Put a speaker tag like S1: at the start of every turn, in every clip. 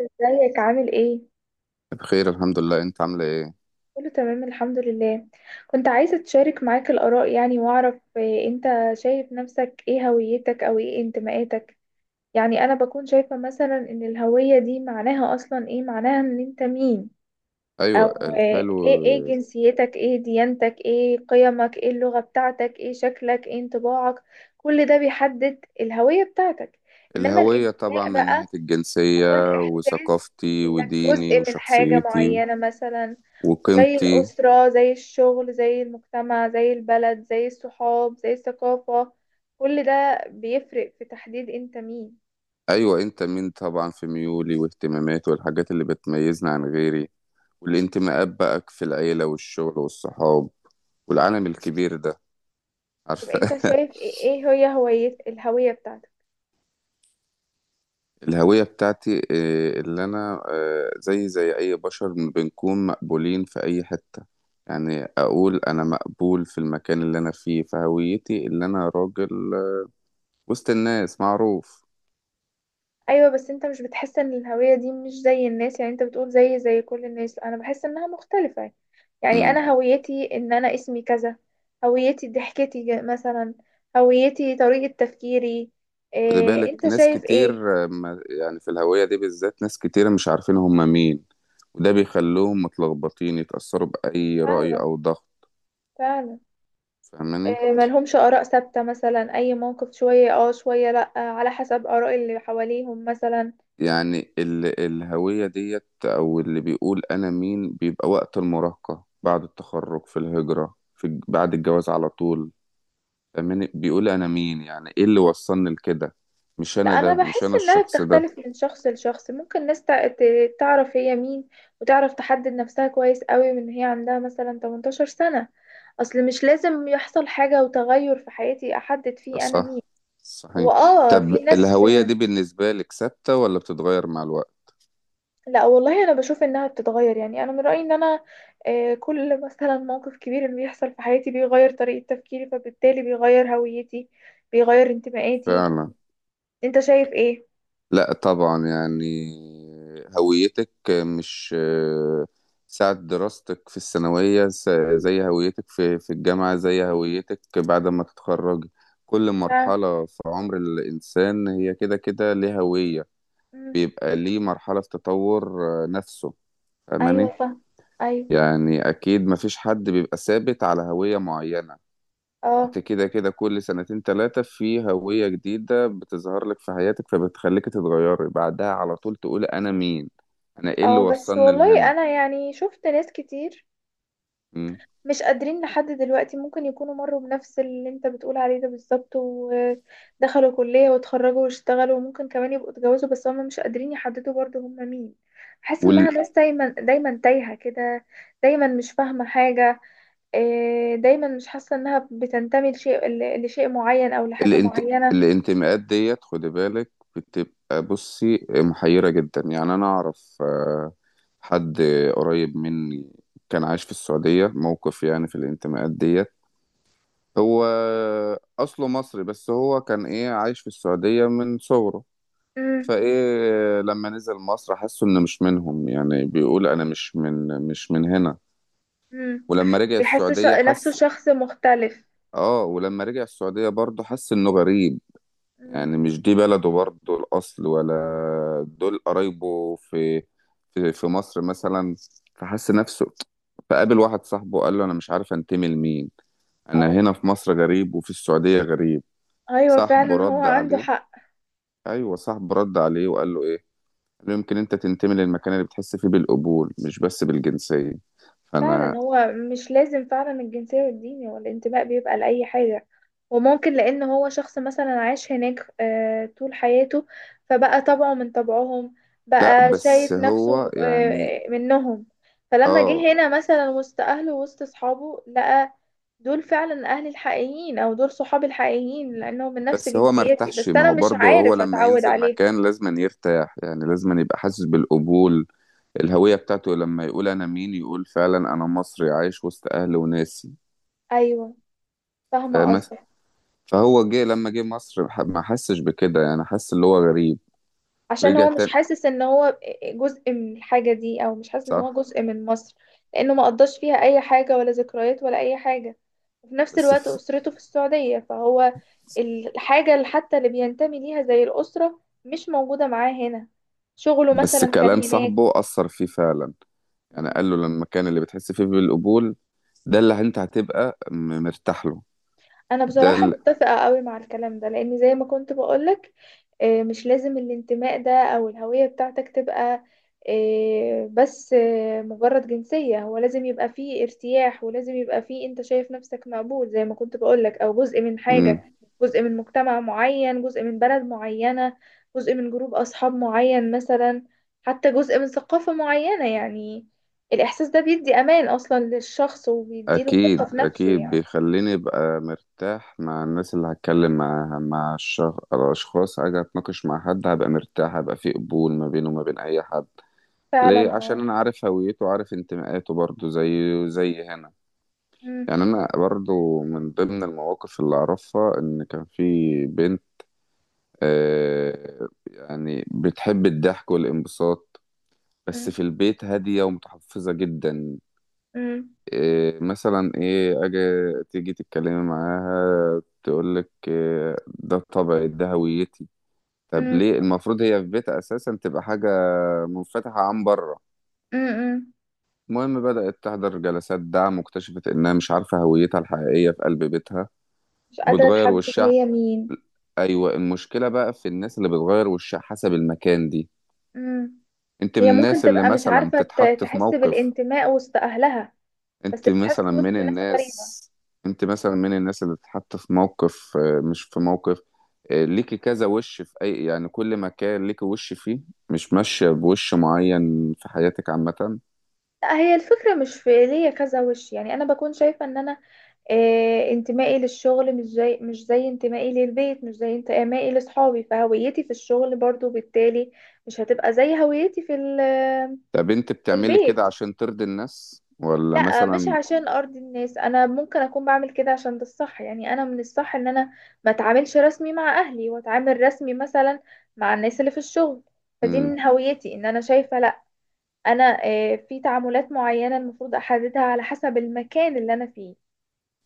S1: ازيك عامل ايه؟
S2: بخير، الحمد لله. انت عامله ايه؟
S1: كله تمام الحمد لله. كنت عايزة تشارك معاك الآراء، يعني واعرف إيه انت شايف نفسك، ايه هويتك او ايه انتماءاتك. يعني انا بكون شايفة مثلا ان الهوية دي معناها اصلا ايه، معناها ان انت مين،
S2: ايوه،
S1: او
S2: الحلو.
S1: ايه جنسيتك، ايه ديانتك، ايه قيمك، ايه اللغة بتاعتك، ايه شكلك، ايه انطباعك. كل ده بيحدد الهوية بتاعتك. انما
S2: الهويه طبعا
S1: الانتماء
S2: من ناحيه
S1: بقى هو
S2: الجنسيه،
S1: الاحساس
S2: وثقافتي
S1: انك
S2: وديني
S1: جزء من حاجة
S2: وشخصيتي
S1: معينة، مثلا زي
S2: وقيمتي.
S1: الأسرة، زي الشغل، زي المجتمع، زي البلد، زي الصحاب، زي الثقافة. كل ده بيفرق في تحديد انت مين.
S2: ايوه، انت مين طبعا في ميولي واهتماماتي والحاجات اللي بتميزني عن غيري. والانتماءات بقى في العيله والشغل والصحاب والعالم الكبير ده،
S1: طب
S2: عارفه.
S1: انت شايف ايه، إيه هي هوية الهوية بتاعتك؟
S2: الهوية بتاعتي اللي أنا زي أي بشر بنكون مقبولين في أي حتة. يعني أقول أنا مقبول في المكان اللي أنا فيه، فهويتي اللي أنا راجل وسط الناس معروف.
S1: ايوه، بس انت مش بتحس ان الهوية دي مش زي الناس؟ يعني انت بتقول زي كل الناس. لا، انا بحس انها مختلفة. يعني
S2: مم.
S1: انا هويتي ان انا اسمي كذا، هويتي ضحكتي مثلا، هويتي طريقة تفكيري.
S2: خد
S1: إيه
S2: بالك
S1: انت
S2: ناس
S1: شايف
S2: كتير،
S1: ايه؟
S2: يعني في الهوية دي بالذات ناس كتير مش عارفين هم مين. وده بيخلوهم متلخبطين، يتأثروا بأي رأي
S1: فعلا،
S2: أو ضغط.
S1: فعلا.
S2: فاهماني؟
S1: ملهمش آراء ثابتة، مثلا أي موقف شوية شوية لأ، على حسب آراء اللي حواليهم مثلا.
S2: يعني الهوية ديت، أو اللي بيقول أنا مين، بيبقى وقت المراهقة، بعد التخرج، في الهجرة، بعد الجواز على طول. فاهماني؟ بيقول أنا مين، يعني إيه اللي وصلني لكده. مش
S1: لأ،
S2: أنا ده،
S1: أنا
S2: مش
S1: بحس
S2: أنا
S1: إنها
S2: الشخص ده.
S1: بتختلف من شخص لشخص. ممكن ناس تعرف هي مين، وتعرف تحدد نفسها كويس قوي، من هي، عندها مثلا 18 سنة. أصل مش لازم يحصل حاجة وتغير في حياتي أحدد فيه أنا مين.
S2: صح،
S1: هو
S2: صحيح.
S1: في
S2: طب
S1: ناس.
S2: الهوية دي بالنسبة لك ثابتة ولا بتتغير مع الوقت؟
S1: لا والله، انا بشوف انها بتتغير. يعني انا من رايي ان انا، كل مثلا موقف كبير انه بيحصل في حياتي بيغير طريقه تفكيري، فبالتالي بيغير هويتي، بيغير انتمائاتي.
S2: فعلا.
S1: انت شايف ايه؟
S2: لا طبعا، يعني هويتك مش ساعة دراستك في الثانوية زي هويتك في الجامعة، زي هويتك بعد ما تتخرج. كل
S1: ف...
S2: مرحلة في عمر الإنسان هي كده كده ليه هوية.
S1: مم.
S2: بيبقى ليه مرحلة في تطور نفسه. فاهماني؟
S1: ايوه فاهم. ايوه.
S2: يعني أكيد مفيش حد بيبقى ثابت على هوية معينة.
S1: اه.
S2: انت كده كده كل سنتين تلاتة في هوية جديدة بتظهر لك في حياتك، فبتخليك تتغيري بعدها على طول تقول انا مين. انا ايه اللي
S1: اه بس
S2: وصلني
S1: والله
S2: لهنا.
S1: انا يعني شفت ناس كتير مش قادرين لحد دلوقتي، ممكن يكونوا مروا بنفس اللي انت بتقول عليه ده بالظبط، ودخلوا كلية واتخرجوا واشتغلوا، وممكن كمان يبقوا اتجوزوا، بس هم مش قادرين يحددوا برضو هم مين. بحس انها ناس دايما دايما تايهة كده، دايما مش فاهمة حاجة. إيه، دايما مش حاسة انها بتنتمي لشيء، لشيء معين او لحاجة معينة.
S2: والانتماءات ديت خدي بالك بتبقى، بصي، محيرة جدا. يعني انا اعرف حد قريب مني كان عايش في السعودية موقف، يعني في الانتماءات ديت. هو اصله مصري، بس هو كان ايه عايش في السعودية من صغره.
S1: امم.
S2: فايه لما نزل مصر حسوا انه مش منهم، يعني بيقول انا مش من هنا.
S1: امم.
S2: ولما رجع
S1: بيحس
S2: السعودية
S1: نفسه
S2: حس.
S1: شخص مختلف.
S2: اه، ولما رجع السعودية برضه حس انه غريب.
S1: امم.
S2: يعني مش دي بلده برضه الاصل، ولا دول قرايبه في مصر مثلا. فحس نفسه. فقابل واحد صاحبه، قال له انا مش عارف انتمي لمين. انا
S1: أو-
S2: هنا في مصر غريب، وفي السعودية غريب.
S1: ايوه
S2: صاحبه
S1: فعلا، هو
S2: رد
S1: عنده
S2: عليه.
S1: حق.
S2: ايوه، صاحبه رد عليه وقال له ايه. قالوا يمكن انت تنتمي للمكان اللي بتحس فيه بالقبول، مش بس بالجنسية.
S1: فعلا،
S2: فانا.
S1: هو مش لازم فعلا الجنسية والدين، هو الانتماء بيبقى لأي حاجة. وممكن لأن هو شخص مثلا عاش هناك طول حياته، فبقى طبعه من طبعهم،
S2: لا
S1: بقى
S2: بس
S1: شايف نفسه
S2: هو يعني.
S1: منهم. فلما
S2: اه.
S1: جه هنا مثلا وسط أهله وسط أصحابه، لقى دول فعلا أهلي الحقيقيين، أو دول صحابي الحقيقيين، لأنهم من نفس
S2: بس هو
S1: جنسيتي،
S2: مرتاحش،
S1: بس
S2: ما
S1: أنا
S2: هو
S1: مش
S2: برضه هو
S1: عارف
S2: لما
S1: أتعود
S2: ينزل
S1: عليه.
S2: مكان لازم يرتاح، يعني لازم يبقى حاسس بالقبول. الهوية بتاعته لما يقول انا مين، يقول فعلا انا مصري عايش وسط اهلي وناسي.
S1: أيوه، فاهمة
S2: فاهم؟
S1: قصدك.
S2: فهو جه، لما جه مصر ما حسش بكده، يعني حس اللي هو غريب.
S1: عشان
S2: رجع
S1: هو مش
S2: تاني.
S1: حاسس ان هو جزء من الحاجة دي، او مش حاسس ان هو
S2: صح.
S1: جزء من مصر، لانه ما قضاش فيها اي حاجة ولا ذكريات ولا اي حاجة. وفي نفس
S2: بس
S1: الوقت
S2: ف...
S1: اسرته في السعودية، فهو الحاجة اللي حتى اللي بينتمي ليها زي الاسرة مش موجودة معاه هنا. شغله
S2: بس
S1: مثلا كان
S2: كلام صاحبه أثر فيه فعلا. يعني
S1: هناك.
S2: قال له لما كان اللي بتحس فيه بالقبول، ده اللي انت هتبقى مرتاح له.
S1: انا
S2: ده
S1: بصراحة
S2: ال...
S1: متفقة قوي مع الكلام ده، لان زي ما كنت بقولك، مش لازم الانتماء ده او الهوية بتاعتك تبقى آه، بس آه، مجرد جنسية. هو لازم يبقى فيه ارتياح، ولازم يبقى فيه انت شايف نفسك مقبول زي ما كنت بقولك، او جزء من حاجة،
S2: مم.
S1: جزء من مجتمع معين، جزء من بلد معينة، جزء من جروب اصحاب معين مثلا، حتى جزء من ثقافة معينة. يعني الاحساس ده بيدي امان اصلا للشخص، وبيديله ثقة
S2: اكيد
S1: في نفسه
S2: اكيد،
S1: يعني.
S2: بيخليني ابقى مرتاح مع الناس اللي هتكلم معاها، الاشخاص اجي اتناقش مع حد، هبقى مرتاح، هبقى في قبول ما بينه وما بين اي حد.
S1: فعلا
S2: ليه، عشان
S1: اه.
S2: انا عارف هويته وعارف انتماءاته برضو، زي هنا.
S1: مم.
S2: يعني انا برضو من ضمن المواقف اللي اعرفها ان كان في بنت، يعني بتحب الضحك والانبساط، بس
S1: مم.
S2: في البيت هادية ومتحفظة جدا.
S1: مم.
S2: إيه مثلا، ايه، اجي تيجي تتكلمي معاها تقولك إيه ده طبعي، ده هويتي. طب
S1: مم.
S2: ليه المفروض هي في بيتها اساسا تبقى حاجة منفتحة عن بره؟
S1: مم.
S2: المهم بدأت تحضر جلسات دعم واكتشفت انها مش عارفة هويتها الحقيقية في قلب بيتها.
S1: مش قادرة
S2: وبتغير
S1: أتحدد
S2: وشها.
S1: هي مين.
S2: ايوه، المشكله بقى في الناس اللي بتغير وشها حسب المكان دي.
S1: مم.
S2: انت من
S1: هي ممكن
S2: الناس اللي
S1: تبقى مش
S2: مثلا
S1: عارفة
S2: تتحط في
S1: تحس
S2: موقف.
S1: بالانتماء وسط أهلها، بس
S2: انت
S1: بتحس
S2: مثلا
S1: وسط
S2: من
S1: ناس غريبة.
S2: الناس انت مثلا من الناس اللي تتحط في موقف، مش في موقف، ليكي كذا وش في اي، يعني كل مكان ليكي وش فيه. مش ماشية بوش معين في حياتك عامة؟
S1: لا، هي الفكرة مش في ليا كذا وش. يعني أنا بكون شايفة إن أنا، انتمائي للشغل مش زي انتمائي للبيت، مش زي انتمائي لأصحابي، فهويتي في الشغل برضو بالتالي مش هتبقى زي هويتي في
S2: طب انت
S1: في
S2: بتعملي كده
S1: البيت.
S2: عشان ترضي الناس، ولا
S1: لا مش
S2: مثلا؟
S1: عشان ارضي الناس، انا ممكن اكون بعمل كده عشان ده الصح. يعني انا من الصح ان انا ما اتعاملش رسمي مع اهلي، واتعامل رسمي مثلا مع الناس اللي في الشغل. فدي
S2: مم.
S1: من هويتي ان انا شايفة لا، انا في تعاملات معينة المفروض احددها على حسب المكان اللي انا فيه.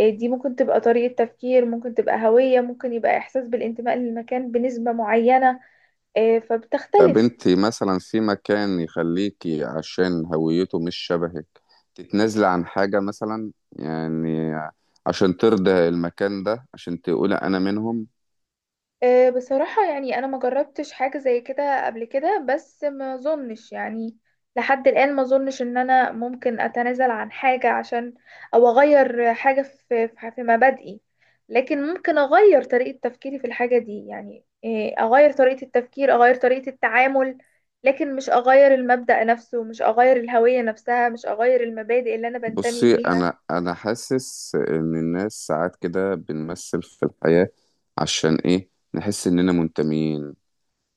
S1: دي ممكن تبقى طريقة تفكير، ممكن تبقى هوية، ممكن يبقى احساس بالانتماء للمكان بنسبة معينة،
S2: طب
S1: فبتختلف.
S2: انت مثلا في مكان يخليكي عشان هويته مش شبهك تتنازلي عن حاجة مثلا، يعني عشان ترضي المكان ده، عشان تقولي انا منهم؟
S1: أه، بصراحة يعني أنا ما جربتش حاجة زي كده قبل كده، بس ما أظنش يعني لحد الآن، ما أظنش إن أنا ممكن أتنازل عن حاجة عشان، أو أغير حاجة في مبادئي. لكن ممكن أغير طريقة تفكيري في الحاجة دي، يعني إيه، أغير طريقة التفكير، أغير طريقة التعامل، لكن مش أغير المبدأ نفسه، مش أغير الهوية نفسها، مش أغير المبادئ اللي أنا بنتمي
S2: بصي،
S1: ليها.
S2: انا حاسس ان الناس ساعات كده بنمثل في الحياة، عشان ايه نحس اننا منتميين.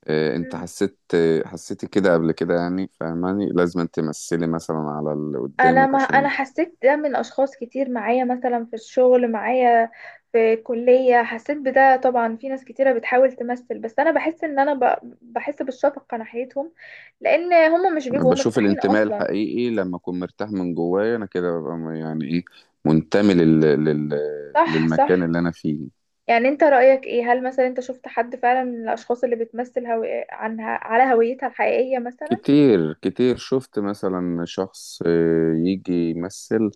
S2: إيه، انت حسيتي كده قبل كده، يعني فاهماني لازم تمثلي مثلا على اللي
S1: انا
S2: قدامك
S1: ما انا
S2: عشان.
S1: حسيت ده من اشخاص كتير معايا، مثلا في الشغل معايا، في الكلية حسيت بده. طبعا في ناس كتيرة بتحاول تمثل، بس انا بحس ان انا بحس بالشفقة ناحيتهم، لان هم مش
S2: انا
S1: بيبقوا
S2: بشوف
S1: مرتاحين
S2: الانتماء
S1: اصلا.
S2: الحقيقي لما اكون مرتاح من جوايا، انا كده ببقى يعني ايه، منتمي
S1: صح،
S2: للمكان
S1: صح.
S2: اللي انا فيه.
S1: يعني انت رأيك ايه، هل مثلا انت شفت حد فعلا من الاشخاص اللي بتمثل عنها على هويتها الحقيقية مثلا؟
S2: كتير كتير شفت مثلا شخص، يجي يمثل.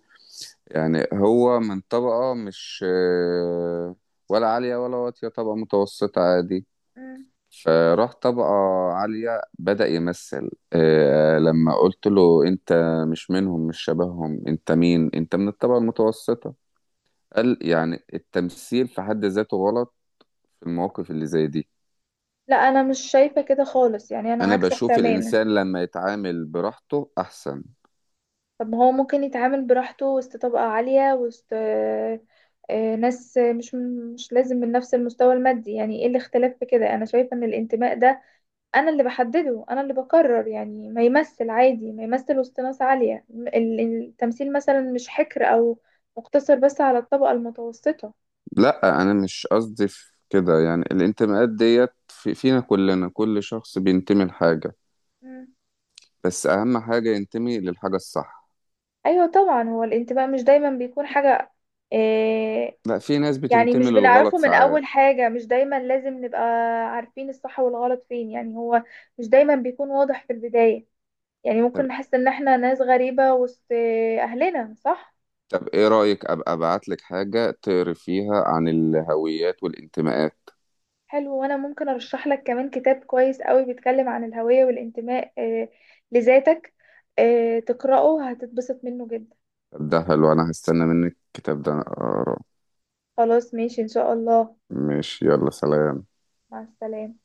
S2: يعني هو من طبقة مش آه، ولا عالية ولا واطية، طبقة متوسطة عادي.
S1: مم.
S2: فراح طبقة عالية بدأ يمثل، لما قلت له أنت مش منهم، مش شبههم، أنت مين؟ أنت من الطبقة المتوسطة. قال يعني التمثيل في حد ذاته غلط في المواقف اللي زي دي.
S1: لا انا مش شايفة كده خالص، يعني انا
S2: أنا
S1: عكسك
S2: بشوف
S1: تماما.
S2: الإنسان لما يتعامل براحته أحسن.
S1: طب ما هو ممكن يتعامل براحته وسط طبقة عالية، وسط ناس مش، مش لازم من نفس المستوى المادي. يعني ايه الاختلاف في كده؟ انا شايفة ان الانتماء ده انا اللي بحدده، انا اللي بقرر. يعني ما يمثل عادي، ما يمثل وسط ناس عالية، التمثيل مثلا مش حكر او مقتصر بس على الطبقة المتوسطة.
S2: لا، أنا مش قصدي في كده، يعني الانتماءات ديت فينا كلنا، كل شخص بينتمي لحاجة.
S1: مم.
S2: بس اهم حاجة ينتمي للحاجة الصح.
S1: ايوه طبعا، هو الانتماء مش دايما بيكون حاجة، آه،
S2: لا، في ناس
S1: يعني
S2: بتنتمي
S1: مش
S2: للغلط
S1: بنعرفه من أول
S2: ساعات.
S1: حاجة، مش دايما لازم نبقى عارفين الصح والغلط فين. يعني هو مش دايما بيكون واضح في البداية، يعني
S2: طب.
S1: ممكن نحس إن احنا ناس غريبة وسط أهلنا، صح؟
S2: طب ايه رأيك ابقى ابعت لك حاجة تقري فيها عن الهويات والانتماءات؟
S1: حلو، وأنا ممكن أرشح لك كمان كتاب كويس قوي بيتكلم عن الهوية والانتماء، لذاتك، تقرأه هتتبسط منه جدا.
S2: طب ده حلو، انا هستنى منك الكتاب ده أنا اقراه.
S1: خلاص ماشي إن شاء الله.
S2: ماشي، يلا سلام.
S1: مع السلامة.